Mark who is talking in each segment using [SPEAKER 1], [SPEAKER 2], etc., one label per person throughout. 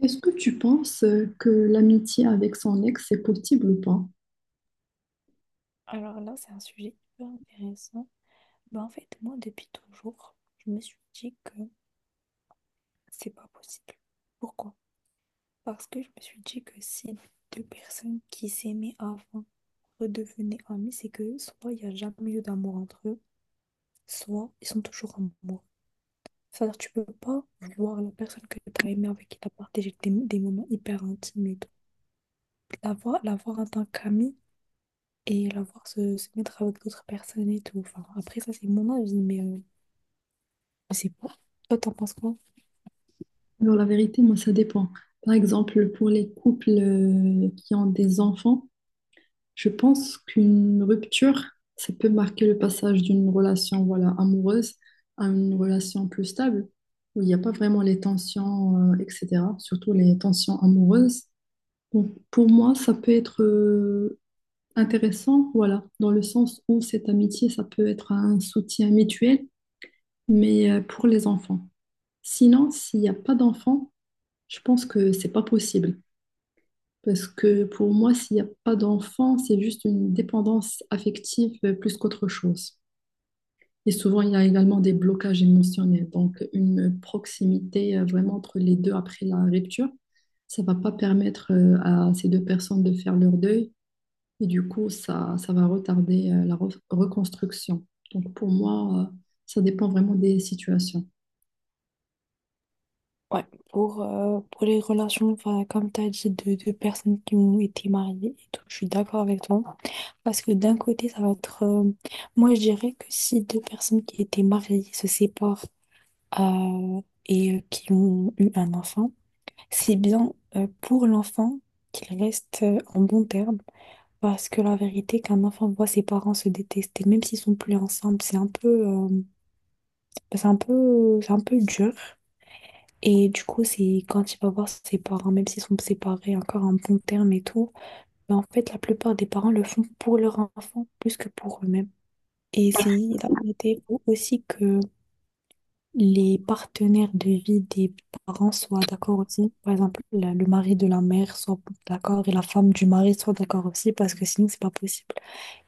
[SPEAKER 1] Est-ce que tu penses que l'amitié avec son ex, c'est possible ou pas?
[SPEAKER 2] Alors là, c'est un sujet hyper intéressant. Bah, en fait, moi, depuis toujours, je me suis dit que c'est pas possible. Pourquoi? Parce que je me suis dit que si deux personnes qui s'aimaient avant redevenaient amies, c'est que soit il n'y a jamais eu d'amour entre eux, soit ils sont toujours amoureux. C'est-à-dire, tu peux pas voir la personne que tu as aimée, avec qui tu as partagé des moments hyper intimes et tout. La voir en tant qu'amie et la voir se mettre avec d'autres personnes et tout. Enfin, après, ça, c'est mon avis, mais. C'est pour. Toi, t'en penses quoi?
[SPEAKER 1] Alors la vérité, moi, ça dépend. Par exemple, pour les couples qui ont des enfants, je pense qu'une rupture, ça peut marquer le passage d'une relation voilà, amoureuse à une relation plus stable, où il n'y a pas vraiment les tensions, etc., surtout les tensions amoureuses. Donc, pour moi, ça peut être intéressant, voilà, dans le sens où cette amitié, ça peut être un soutien mutuel mais pour les enfants. Sinon, s'il n'y a pas d'enfants, je pense que c'est pas possible. Parce que pour moi, s'il n'y a pas d'enfants, c'est juste une dépendance affective plus qu'autre chose. Et souvent, il y a également des blocages émotionnels. Donc, une proximité vraiment entre les deux après la rupture, ça va pas permettre à ces deux personnes de faire leur deuil. Et du coup, ça va retarder la reconstruction. Donc, pour moi, ça dépend vraiment des situations.
[SPEAKER 2] Ouais, pour les relations, enfin, comme t'as dit, de personnes qui ont été mariées et tout, je suis d'accord avec toi. Parce que d'un côté, ça va être. Moi, je dirais que si deux personnes qui étaient mariées se séparent euh, et qui ont eu un enfant, c'est bien pour l'enfant qu'il reste en bon terme. Parce que la vérité, qu'un enfant voit ses parents se détester, même s'ils sont plus ensemble, c'est un peu, c'est un peu dur. Et du coup, c'est quand il va voir ses parents, même s'ils sont séparés encore en bon terme et tout, mais en fait, la plupart des parents le font pour leur enfant plus que pour eux-mêmes. Et c'est la vérité aussi que les partenaires de vie des parents soient d'accord aussi. Par exemple, le mari de la mère soit d'accord et la femme du mari soit d'accord aussi parce que sinon, c'est pas possible.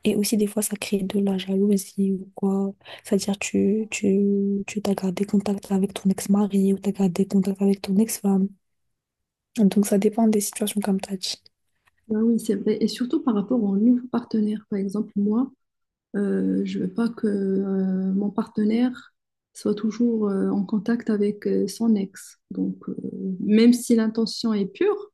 [SPEAKER 2] Et aussi, des fois, ça crée de la jalousie ou quoi. C'est-à-dire, tu t'as gardé contact avec ton ex-mari ou t'as gardé contact avec ton ex-femme. Donc ça dépend des situations comme tu as dit.
[SPEAKER 1] Ah oui, c'est vrai. Et surtout par rapport aux nouveaux partenaires. Par exemple, moi, je veux pas que mon partenaire soit toujours en contact avec son ex. Donc, même si l'intention est pure,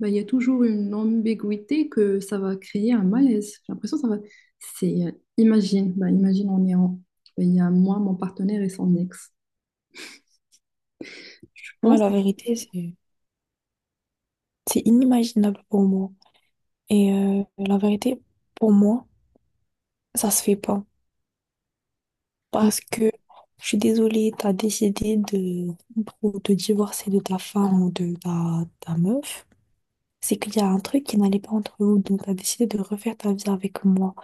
[SPEAKER 1] bah, il y a toujours une ambiguïté que ça va créer un malaise. J'ai l'impression que ça va... C'est... imagine, bah, imagine, on est en... Il y a moi, mon partenaire et son ex. Je
[SPEAKER 2] Moi,
[SPEAKER 1] pense.
[SPEAKER 2] la vérité, c'est inimaginable pour moi. Et la vérité, pour moi, ça se fait pas. Parce que je suis désolée, tu as décidé de te divorcer de ta femme ou de ta meuf. C'est qu'il y a un truc qui n'allait pas entre vous. Donc tu as décidé de refaire ta vie avec moi.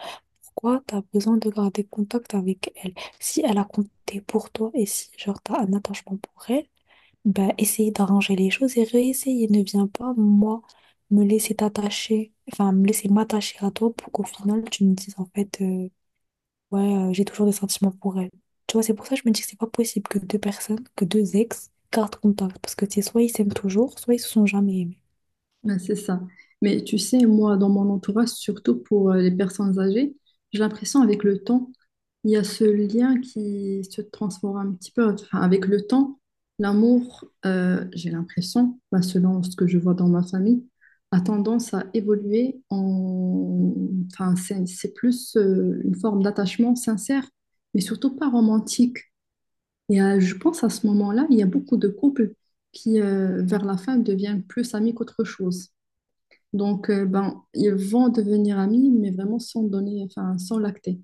[SPEAKER 2] Pourquoi tu as besoin de garder contact avec elle? Si elle a compté pour toi et si genre tu as un attachement pour elle. Bah, essayer d'arranger les choses et réessayer. Ne viens pas, moi, me laisser t'attacher, enfin, me laisser m'attacher à toi pour qu'au final, tu me dises, en fait, ouais, j'ai toujours des sentiments pour elle. Tu vois, c'est pour ça que je me dis que c'est pas possible que deux personnes, que deux ex, gardent contact. Parce que, tu sais, soit ils s'aiment toujours, soit ils se sont jamais aimés.
[SPEAKER 1] Ouais, c'est ça. Mais tu sais, moi, dans mon entourage, surtout pour les personnes âgées, j'ai l'impression avec le temps, il y a ce lien qui se transforme un petit peu. Enfin, avec le temps, l'amour, j'ai l'impression, bah, selon ce que je vois dans ma famille, a tendance à évoluer en... Enfin, c'est plus une forme d'attachement sincère, mais surtout pas romantique. Et je pense à ce moment-là, il y a beaucoup de couples qui, vers la fin, deviennent plus amis qu'autre chose. Donc, ben, ils vont devenir amis, mais vraiment sans donner, enfin, sans lacter.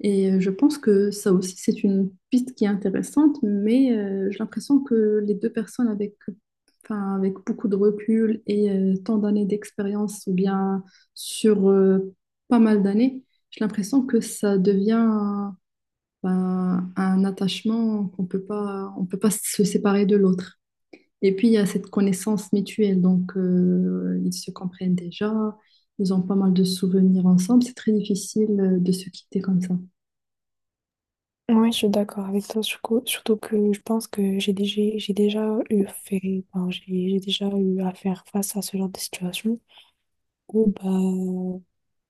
[SPEAKER 1] Et je pense que ça aussi, c'est une piste qui est intéressante, mais j'ai l'impression que les deux personnes avec, enfin, avec beaucoup de recul et tant d'années d'expérience, ou bien sur pas mal d'années, j'ai l'impression que ça devient ben, un attachement qu'on peut pas se séparer de l'autre. Et puis, il y a cette connaissance mutuelle. Donc, ils se comprennent déjà. Ils ont pas mal de souvenirs ensemble. C'est très difficile de se quitter comme ça.
[SPEAKER 2] Ouais, je suis d'accord avec toi, surtout que je pense que j'ai déjà eu fait, enfin, j'ai déjà eu à faire face à ce genre de situation où bah,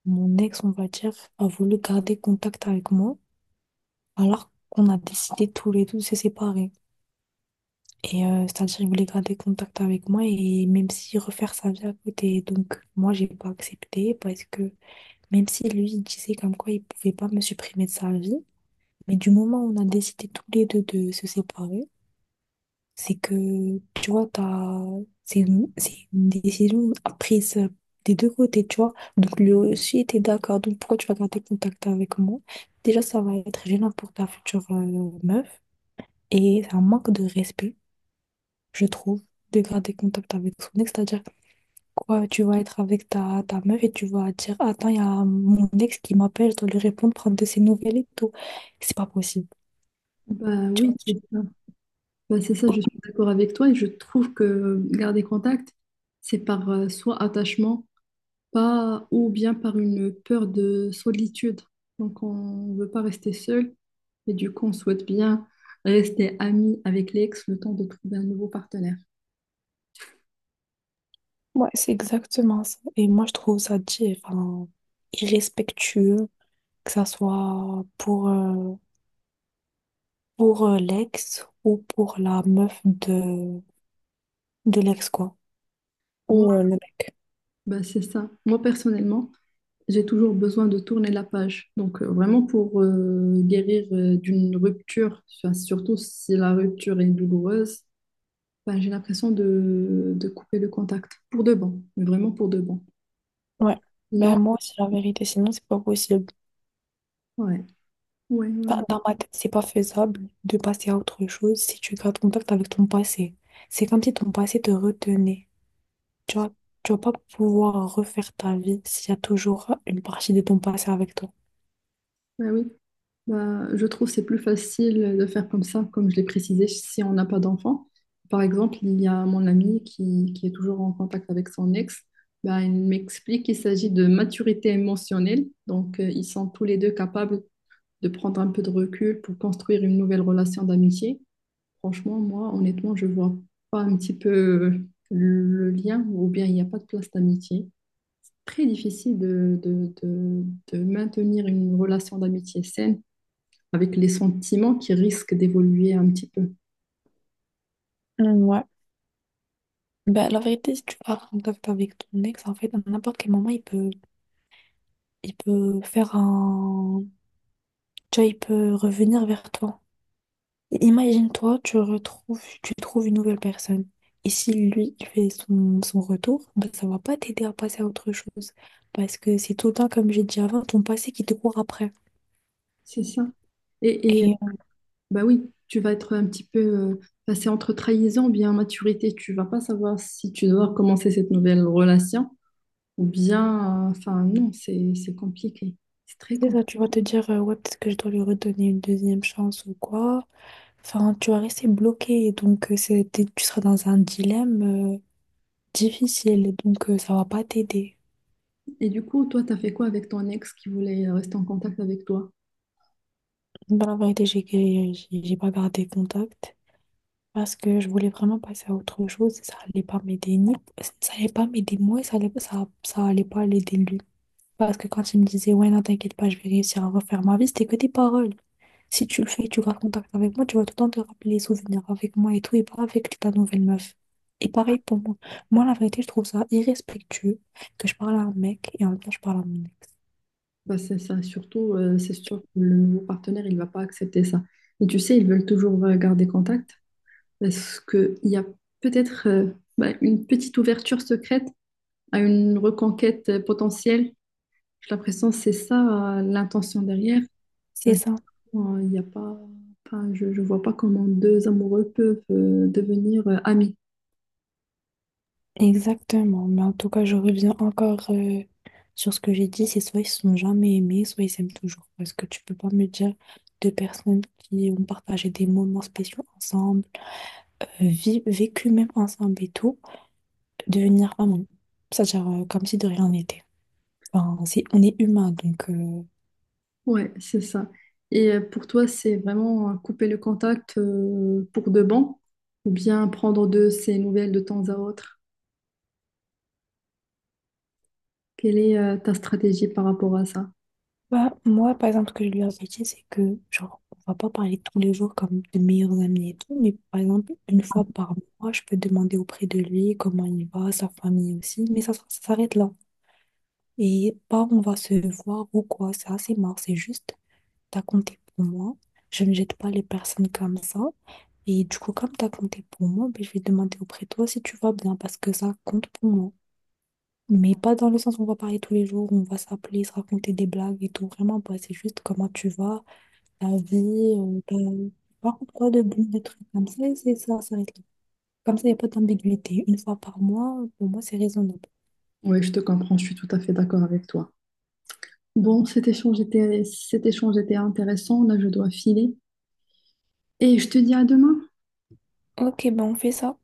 [SPEAKER 2] mon ex, on va dire, a voulu garder contact avec moi alors qu'on a décidé tous les deux de se séparer. Et c'est-à-dire, il voulait garder contact avec moi et même si refaire sa vie à côté. Donc, moi, j'ai pas accepté parce que même si lui, il disait comme quoi il pouvait pas me supprimer de sa vie, mais du moment où on a décidé tous les deux de se séparer, c'est que, tu vois, t'as, c'est c'est une décision prise des deux côtés, tu vois. Donc, lui aussi était d'accord. Donc, pourquoi tu vas garder contact avec moi? Déjà, ça va être gênant pour ta future meuf. Et c'est un manque de respect, je trouve, de garder contact avec son ex. C'est-à-dire, quoi, tu vas être avec ta meuf et tu vas dire, attends, il y a mon ex qui m'appelle, je dois lui répondre, prendre de ses nouvelles et tout. C'est pas possible.
[SPEAKER 1] Bah oui, c'est ça. Bah, c'est ça, je suis d'accord avec toi. Et je trouve que garder contact, c'est par soit attachement, pas, ou bien par une peur de solitude. Donc, on ne veut pas rester seul. Et du coup, on souhaite bien rester ami avec l'ex le temps de trouver un nouveau partenaire.
[SPEAKER 2] Ouais, c'est exactement ça. Et moi, je trouve ça enfin, irrespectueux, que ça soit pour l'ex ou pour la meuf de l'ex, quoi.
[SPEAKER 1] Moi,
[SPEAKER 2] Ou le mec.
[SPEAKER 1] bah, c'est ça. Moi, personnellement, j'ai toujours besoin de tourner la page. Donc, vraiment pour guérir d'une rupture, enfin, surtout si la rupture est douloureuse, ben, j'ai l'impression de couper le contact pour de bon, mais vraiment pour de bon.
[SPEAKER 2] Ouais.
[SPEAKER 1] Sinon,
[SPEAKER 2] Ben, moi aussi, la vérité, sinon, c'est pas possible.
[SPEAKER 1] ouais, ouais,
[SPEAKER 2] Enfin,
[SPEAKER 1] ouais,
[SPEAKER 2] dans ma tête, c'est pas faisable de passer à autre chose si tu gardes contact avec ton passé. C'est comme si ton passé te retenait. Tu vois, tu vas pas pouvoir refaire ta vie s'il y a toujours une partie de ton passé avec toi.
[SPEAKER 1] ouais, oui. Bah, je trouve que c'est plus facile de faire comme ça, comme je l'ai précisé, si on n'a pas d'enfant. Par exemple, il y a mon ami qui est toujours en contact avec son ex. Bah, il m'explique qu'il s'agit de maturité émotionnelle. Donc, ils sont tous les deux capables de prendre un peu de recul pour construire une nouvelle relation d'amitié. Franchement, moi, honnêtement, je vois pas un petit peu le lien ou bien il n'y a pas de place d'amitié. Très difficile de maintenir une relation d'amitié saine avec les sentiments qui risquent d'évoluer un petit peu.
[SPEAKER 2] Mm, ouais. Bah, la vérité, si tu vas en contact avec ton ex, en fait, à n'importe quel moment, il peut faire un... Tu vois, il peut revenir vers toi. Imagine-toi, tu trouves une nouvelle personne. Et si lui, il fait son retour, bah, ça va pas t'aider à passer à autre chose. Parce que c'est tout le temps, comme j'ai dit avant, ton passé qui te court après.
[SPEAKER 1] C'est ça. Et, et,
[SPEAKER 2] Et euh,
[SPEAKER 1] bah oui, tu vas être un petit peu passé entre trahison, bien maturité. Tu vas pas savoir si tu dois commencer cette nouvelle relation ou bien, enfin, non, c'est compliqué. C'est très
[SPEAKER 2] c'est
[SPEAKER 1] compliqué.
[SPEAKER 2] ça, tu vas te dire, ouais, peut-être que je dois lui redonner une deuxième chance ou quoi. Enfin, tu vas rester bloqué. Donc, tu seras dans un dilemme euh, difficile, donc ça va pas t'aider.
[SPEAKER 1] Et du coup, toi, t'as fait quoi avec ton ex qui voulait rester en contact avec toi?
[SPEAKER 2] Dans la vérité, j'ai pas gardé contact parce que je voulais vraiment passer à autre chose et ça allait pas m'aider ni ça allait pas m'aider moi et ça allait pas l'aider lui. Parce que quand il me disait ouais non t'inquiète pas je vais réussir à refaire ma vie, c'était que des paroles. Si tu le fais, tu gardes contact avec moi, tu vas tout le temps te rappeler les souvenirs avec moi et tout, et pas avec ta nouvelle meuf. Et pareil pour moi. Moi, la vérité, je trouve ça irrespectueux que je parle à un mec et en même temps je parle à mon ex.
[SPEAKER 1] Bah, c'est ça, surtout, c'est sûr que le nouveau partenaire, il va pas accepter ça. Et tu sais, ils veulent toujours garder contact parce qu'il y a peut-être bah, une petite ouverture secrète à une reconquête potentielle. J'ai l'impression que c'est ça, l'intention derrière.
[SPEAKER 2] C'est ça.
[SPEAKER 1] Maintenant, il y a pas, enfin, je vois pas comment deux amoureux peuvent devenir amis.
[SPEAKER 2] Exactement, mais en tout cas, je reviens encore sur ce que j'ai dit, c'est soit ils se sont jamais aimés, soit ils s'aiment toujours. Parce que tu peux pas me dire deux personnes qui ont partagé des moments spéciaux ensemble, vécu même ensemble et tout, devenir amants. C'est-à-dire comme si de rien n'était. Enfin, c'est- on est humain, donc
[SPEAKER 1] Ouais, c'est ça. Et pour toi, c'est vraiment couper le contact pour de bon ou bien prendre de ces nouvelles de temps à autre? Quelle est ta stratégie par rapport à ça?
[SPEAKER 2] bah, moi, par exemple, ce que je lui ai dit, c'est que, genre, on va pas parler tous les jours comme de meilleurs amis et tout, mais par exemple, une fois par mois, je peux demander auprès de lui comment il va, sa famille aussi, mais ça s'arrête là. Et pas on va se voir ou quoi, c'est assez marrant, c'est juste, t'as compté pour moi, je ne jette pas les personnes comme ça, et du coup, comme t'as compté pour moi, ben, je vais demander auprès de toi si tu vas bien, parce que ça compte pour moi. Mais pas dans le sens où on va parler tous les jours, on va s'appeler, se raconter des blagues et tout. Vraiment pas, c'est juste comment tu vas, ta vie, par contre, pas de bulles, de trucs comme ça, c'est ça, ça reste là. Comme ça, il n'y a pas d'ambiguïté. Une fois par mois, pour moi, c'est raisonnable.
[SPEAKER 1] Oui, je te comprends, je suis tout à fait d'accord avec toi. Bon, cet échange était intéressant. Là, je dois filer. Et je te dis à demain.
[SPEAKER 2] Ok, ben on fait ça.